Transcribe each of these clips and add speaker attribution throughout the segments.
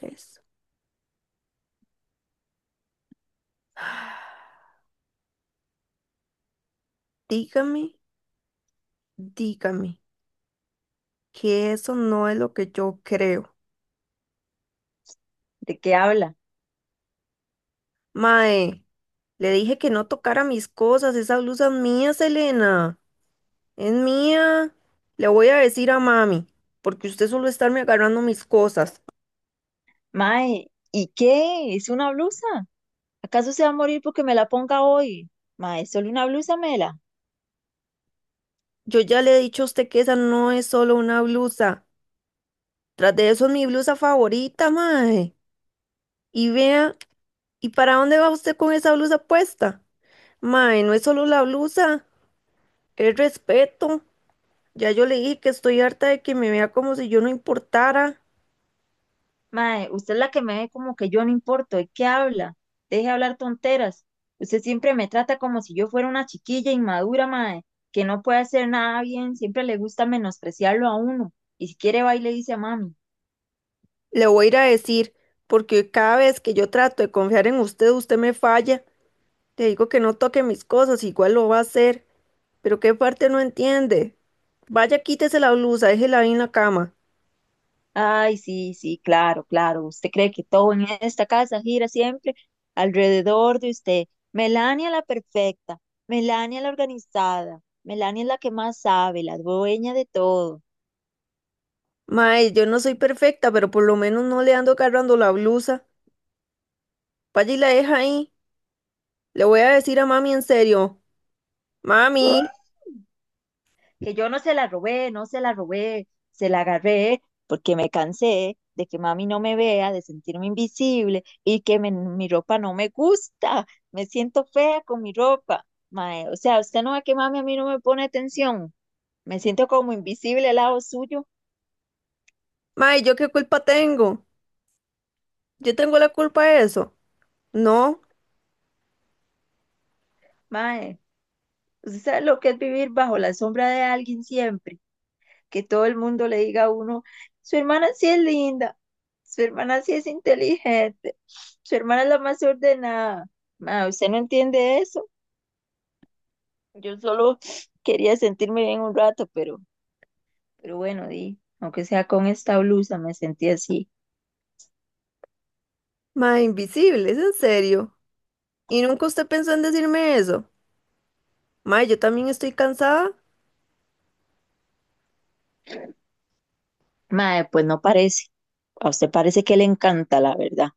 Speaker 1: Eso. Dígame, dígame, que eso no es lo que yo creo.
Speaker 2: ¿De qué habla?
Speaker 1: Mae, le dije que no tocara mis cosas, esa blusa es mía, Selena, es mía. Le voy a decir a mami, porque usted solo estarme agarrando mis cosas.
Speaker 2: Mae, ¿y qué? ¿Es una blusa? ¿Acaso se va a morir porque me la ponga hoy? Mae, ¿es solo una blusa, Mela?
Speaker 1: Yo ya le he dicho a usted que esa no es solo una blusa. Tras de eso es mi blusa favorita, mae. Y vea, ¿y para dónde va usted con esa blusa puesta? Mae, no es solo la blusa, es respeto. Ya yo le dije que estoy harta de que me vea como si yo no importara.
Speaker 2: Mae, usted es la que me ve como que yo no importo. ¿De qué habla? Deje de hablar tonteras. Usted siempre me trata como si yo fuera una chiquilla inmadura, mae, que no puede hacer nada bien. Siempre le gusta menospreciarlo a uno. Y si quiere va y le dice a mami.
Speaker 1: Le voy a ir a decir, porque cada vez que yo trato de confiar en usted, usted me falla. Le digo que no toque mis cosas, igual lo va a hacer. Pero qué parte no entiende. Vaya, quítese la blusa, déjela ahí en la cama.
Speaker 2: Ay, sí, sí, claro, claro. Usted cree que todo en esta casa gira siempre alrededor de usted. Melania la perfecta, Melania la organizada, Melania es la que más sabe, la dueña de todo.
Speaker 1: Mae, yo no soy perfecta, pero por lo menos no le ando agarrando la blusa. Vaya y la deja ahí. Le voy a decir a mami en serio. Mami,
Speaker 2: ¡Uh! Que yo no se la robé, no se la robé, se la agarré porque me cansé de que mami no me vea, de sentirme invisible y que mi ropa no me gusta. Me siento fea con mi ropa. Mae, o sea, usted no ve que mami a mí no me pone atención. Me siento como invisible al lado suyo,
Speaker 1: mae, ¿yo qué culpa tengo? ¿Yo tengo la culpa de eso? No.
Speaker 2: mae. Usted sabe lo que es vivir bajo la sombra de alguien siempre, que todo el mundo le diga a uno, su hermana sí es linda, su hermana sí es inteligente, su hermana es la más ordenada. Mae, usted no entiende eso. Yo solo quería sentirme bien un rato, pero bueno, di, aunque sea con esta blusa, me sentí así.
Speaker 1: Ma, invisible, es en serio. Y nunca usted pensó en decirme eso. Ma, yo también estoy cansada.
Speaker 2: Mae, pues no parece. A usted parece que le encanta, la verdad.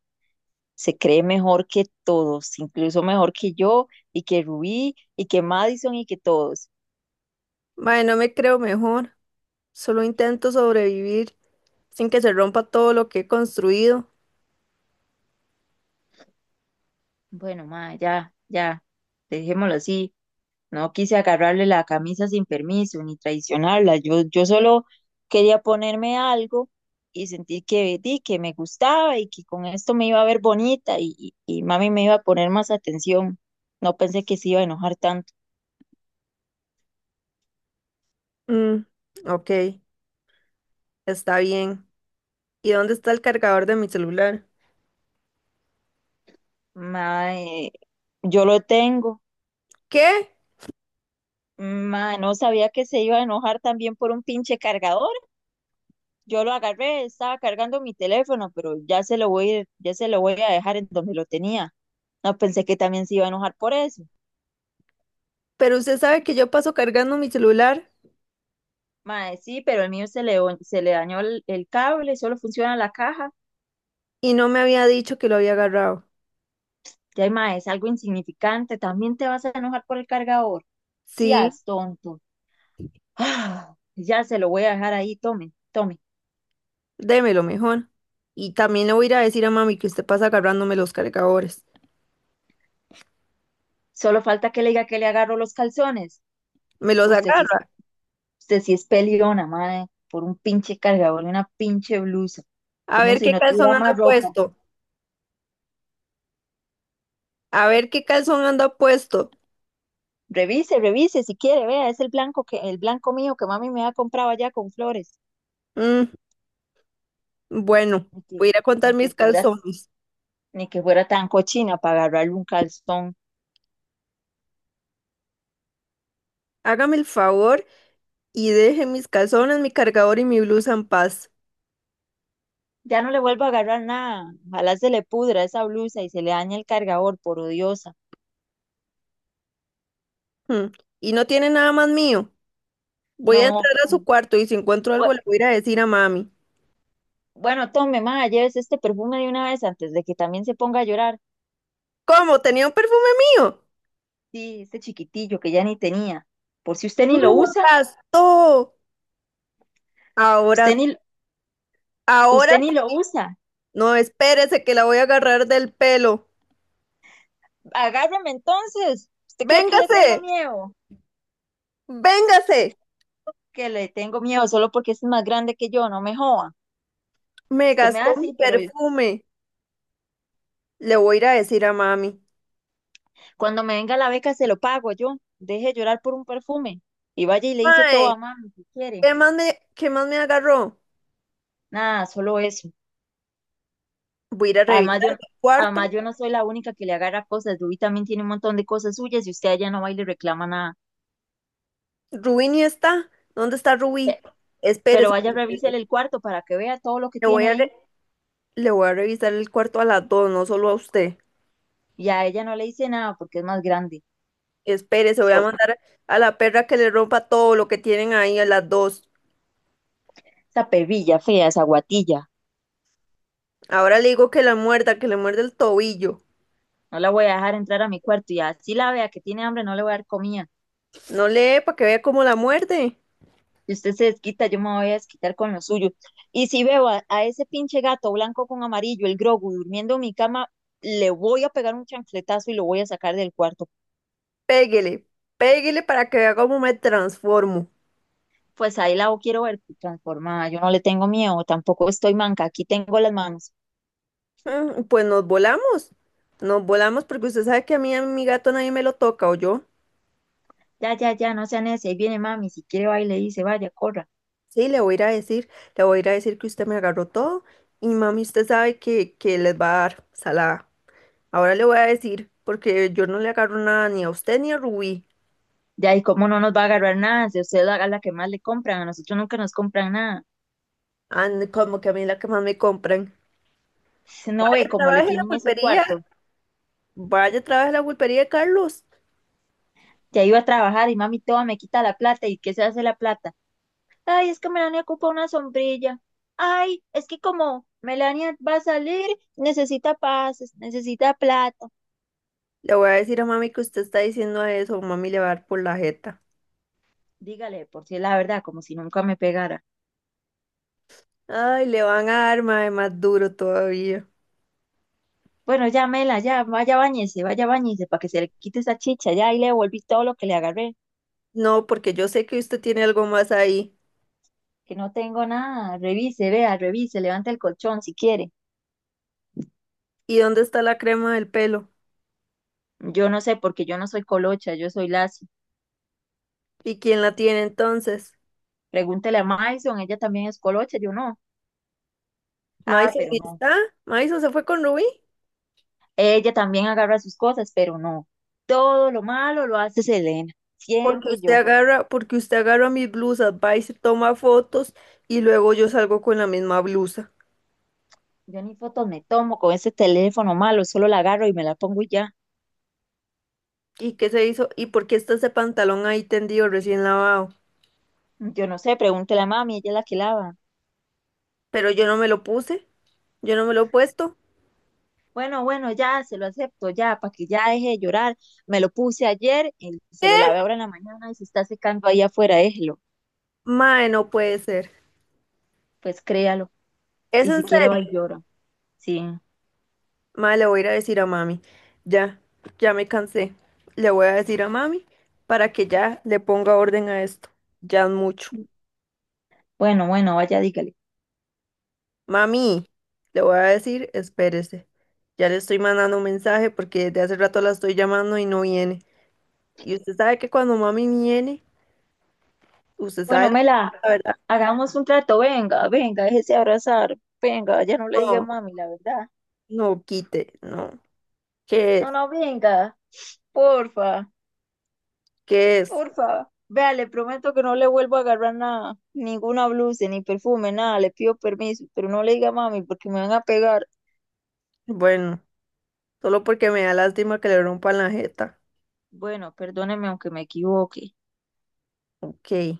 Speaker 2: Se cree mejor que todos, incluso mejor que yo y que Rubí y que Madison y que todos.
Speaker 1: Ma, no me creo mejor. Solo intento sobrevivir sin que se rompa todo lo que he construido.
Speaker 2: Bueno, ma, ya, ya, dejémoslo así. No quise agarrarle la camisa sin permiso ni traicionarla. Yo solo quería ponerme algo y sentir que, di, que me gustaba y que con esto me iba a ver bonita y mami me iba a poner más atención. No pensé que se iba a enojar tanto.
Speaker 1: Mm, ok, está bien. ¿Y dónde está el cargador de mi celular?
Speaker 2: Ma, yo lo tengo.
Speaker 1: ¿Qué?
Speaker 2: Ma, no sabía que se iba a enojar también por un pinche cargador. Yo lo agarré, estaba cargando mi teléfono, pero ya se lo voy, ya se lo voy a dejar en donde lo tenía. No pensé que también se iba a enojar por eso.
Speaker 1: Pero usted sabe que yo paso cargando mi celular
Speaker 2: Mae, sí, pero el mío se le, se le dañó el cable, solo funciona la caja.
Speaker 1: y no me había dicho que lo había agarrado.
Speaker 2: Ya, mae, es algo insignificante. También te vas a enojar por el cargador.
Speaker 1: Sí,
Speaker 2: Seas tonto. Ah, ya se lo voy a dejar ahí, tome, tome.
Speaker 1: démelo mejor. Y también le voy a ir a decir a mami que usted pasa agarrándome los cargadores.
Speaker 2: Solo falta que le diga que le agarro los calzones.
Speaker 1: Me los
Speaker 2: Usted sí
Speaker 1: agarra.
Speaker 2: Usted sí es peleona, madre, por un pinche cargador y una pinche blusa.
Speaker 1: A
Speaker 2: Como
Speaker 1: ver
Speaker 2: si
Speaker 1: qué
Speaker 2: no
Speaker 1: calzón
Speaker 2: tuviera más
Speaker 1: anda
Speaker 2: ropa.
Speaker 1: puesto. A ver qué calzón anda puesto.
Speaker 2: Revise, revise, si quiere, vea, es el blanco que, el blanco mío que mami me ha comprado allá con flores.
Speaker 1: Mm, bueno,
Speaker 2: Ni que,
Speaker 1: voy a ir a contar
Speaker 2: ni que
Speaker 1: mis
Speaker 2: fuera,
Speaker 1: calzones.
Speaker 2: ni que fuera tan cochina para agarrarle un calzón.
Speaker 1: Hágame el favor y deje mis calzones, mi cargador y mi blusa en paz.
Speaker 2: Ya no le vuelvo a agarrar nada. Ojalá se le pudra esa blusa y se le dañe el cargador, por odiosa.
Speaker 1: Mm, y no tiene nada más mío. Voy a entrar
Speaker 2: No,
Speaker 1: a su cuarto y si encuentro
Speaker 2: bu-
Speaker 1: algo le voy a ir a decir a mami.
Speaker 2: bueno, tome, ma, llévese este perfume de una vez antes de que también se ponga a llorar.
Speaker 1: ¿Cómo? ¿Tenía un perfume mío?
Speaker 2: Sí, este chiquitillo que ya ni tenía. Por si usted
Speaker 1: ¡No,
Speaker 2: ni
Speaker 1: me
Speaker 2: lo
Speaker 1: lo
Speaker 2: usa.
Speaker 1: gastó! Ahora,
Speaker 2: Usted ni,
Speaker 1: ahora,
Speaker 2: usted ni lo usa.
Speaker 1: no, espérese que la voy a agarrar del pelo.
Speaker 2: Agárreme entonces. ¿Usted cree que le
Speaker 1: Véngase,
Speaker 2: tengo miedo?
Speaker 1: véngase.
Speaker 2: Que le tengo miedo solo porque es más grande que yo, no me joda.
Speaker 1: Me
Speaker 2: Usted me
Speaker 1: gastó
Speaker 2: hace,
Speaker 1: mi
Speaker 2: sí, pero
Speaker 1: perfume. Le voy a ir a decir a mami.
Speaker 2: cuando me venga la beca se lo pago yo. Deje de llorar por un perfume. Y vaya y le dice todo
Speaker 1: Mae,
Speaker 2: a mami si quiere.
Speaker 1: ¿qué más me agarró?
Speaker 2: Nada, solo eso.
Speaker 1: Voy a ir a
Speaker 2: Además,
Speaker 1: revisar
Speaker 2: yo,
Speaker 1: el cuarto.
Speaker 2: además, yo no soy la única que le agarra cosas. Rubí también tiene un montón de cosas suyas y usted allá no va y le reclama nada.
Speaker 1: Rubí ni está. ¿Dónde está Rubí?
Speaker 2: Pe- Pero
Speaker 1: Espérese.
Speaker 2: vaya, revísele el cuarto para que vea todo lo que
Speaker 1: Le voy
Speaker 2: tiene
Speaker 1: a,
Speaker 2: ahí.
Speaker 1: re- le voy a revisar el cuarto a las dos, no solo a usted.
Speaker 2: Y a ella no le dice nada porque es más grande.
Speaker 1: Espérese, voy a mandar a la perra que le rompa todo lo que tienen ahí a las dos.
Speaker 2: Esa pebilla fea, esa guatilla.
Speaker 1: Ahora le digo que la muerda, que le muerde el tobillo.
Speaker 2: No la voy a dejar entrar a mi cuarto y así la vea que tiene hambre, no le voy a dar comida.
Speaker 1: No lee para que vea cómo la muerde.
Speaker 2: Si usted se desquita, yo me voy a desquitar con lo suyo. Y si veo a ese pinche gato blanco con amarillo, el Grogu, durmiendo en mi cama, le voy a pegar un chancletazo y lo voy a sacar del cuarto.
Speaker 1: Péguele, péguele para que vea cómo me transformo.
Speaker 2: Pues ahí la quiero ver pues, transformada. Yo no le tengo miedo, tampoco estoy manca. Aquí tengo las manos.
Speaker 1: Mm, pues nos volamos porque usted sabe que a mí, a mi gato nadie me lo toca, ¿o yo?
Speaker 2: Ya, ya, ya, no sean ese. Ahí viene mami. Si quiere, va y le dice, vaya, corra.
Speaker 1: Sí, le voy a ir a decir, le voy a ir a decir que usted me agarró todo y mami, usted sabe que les va a dar salada. Ahora le voy a decir, porque yo no le agarro nada ni a usted ni a Rubí.
Speaker 2: Ya, y cómo no nos va a agarrar nada. Si usted haga la que más le compran, a nosotros nunca nos compran nada.
Speaker 1: Ande, como que a mí es la que más me compran.
Speaker 2: No
Speaker 1: Vaya,
Speaker 2: ve cómo le
Speaker 1: trabaje en la
Speaker 2: tienen ese
Speaker 1: pulpería,
Speaker 2: cuarto.
Speaker 1: vaya, trabaje en la pulpería, Carlos.
Speaker 2: Ya iba a trabajar y mami toda me quita la plata. ¿Y qué se hace la plata? Ay, es que Melania ocupa una sombrilla. Ay, es que como Melania va a salir, necesita pases, necesita plata.
Speaker 1: Le voy a decir a mami que usted está diciendo eso, mami le va a dar por la jeta.
Speaker 2: Dígale, por si es la verdad, como si nunca me pegara.
Speaker 1: Ay, le van a dar mae, más duro todavía.
Speaker 2: Bueno, ya, Mela, ya, vaya bañese, para que se le quite esa chicha, ya, ahí le devolví todo lo que le agarré,
Speaker 1: No, porque yo sé que usted tiene algo más ahí.
Speaker 2: que no tengo nada, revise, vea, revise, levante el colchón si quiere.
Speaker 1: ¿Y dónde está la crema del pelo?
Speaker 2: Yo no sé, porque yo no soy colocha, yo soy lacia.
Speaker 1: ¿Y quién la tiene entonces?
Speaker 2: Pregúntele a Maison, ella también es colocha, yo no. Ah,
Speaker 1: ¿Maisa
Speaker 2: pero
Speaker 1: ahí
Speaker 2: no.
Speaker 1: está? ¿Maisa se fue con Rubí?
Speaker 2: Ella también agarra sus cosas, pero no. Todo lo malo lo hace Selena, siempre yo.
Speaker 1: Porque usted agarra mis blusas, va y se toma fotos y luego yo salgo con la misma blusa.
Speaker 2: Yo ni fotos me tomo con ese teléfono malo, solo la agarro y me la pongo y ya.
Speaker 1: ¿Y qué se hizo? ¿Y por qué está ese pantalón ahí tendido recién lavado?
Speaker 2: Yo no sé, pregúntele a mami, ella es la que lava.
Speaker 1: Pero yo no me lo puse, yo no me lo he puesto.
Speaker 2: Bueno, bueno, ya, se lo acepto, ya, para que ya deje de llorar. Me lo puse ayer y se lo lavé ahora en la mañana y se está secando ahí afuera, déjelo.
Speaker 1: Mae, no puede ser.
Speaker 2: Pues créalo.
Speaker 1: ¿Es
Speaker 2: Y
Speaker 1: en
Speaker 2: si quiere,
Speaker 1: serio?
Speaker 2: va y llora. Sí.
Speaker 1: Ma, le voy a ir a decir a mami. Ya, ya me cansé. Le voy a decir a mami para que ya le ponga orden a esto. Ya es mucho.
Speaker 2: Bueno, bueno, vaya, dígale.
Speaker 1: Mami, le voy a decir, espérese. Ya le estoy mandando un mensaje porque desde hace rato la estoy llamando y no viene. Y usted sabe que cuando mami viene, usted sabe
Speaker 2: Bueno,
Speaker 1: lo que
Speaker 2: Mela,
Speaker 1: pasa, ¿verdad?
Speaker 2: hagamos un trato, venga, venga, déjese abrazar, venga, ya no le diga
Speaker 1: No,
Speaker 2: mami, la verdad.
Speaker 1: no quite, no. ¿Qué es?
Speaker 2: No, no, venga, porfa,
Speaker 1: ¿Qué es?
Speaker 2: porfa. Vea, le prometo que no le vuelvo a agarrar nada, ninguna blusa, ni perfume, nada, le pido permiso, pero no le diga mami porque me van a pegar.
Speaker 1: Bueno, solo porque me da lástima que le rompan la jeta.
Speaker 2: Bueno, perdóneme aunque me equivoque.
Speaker 1: Ok.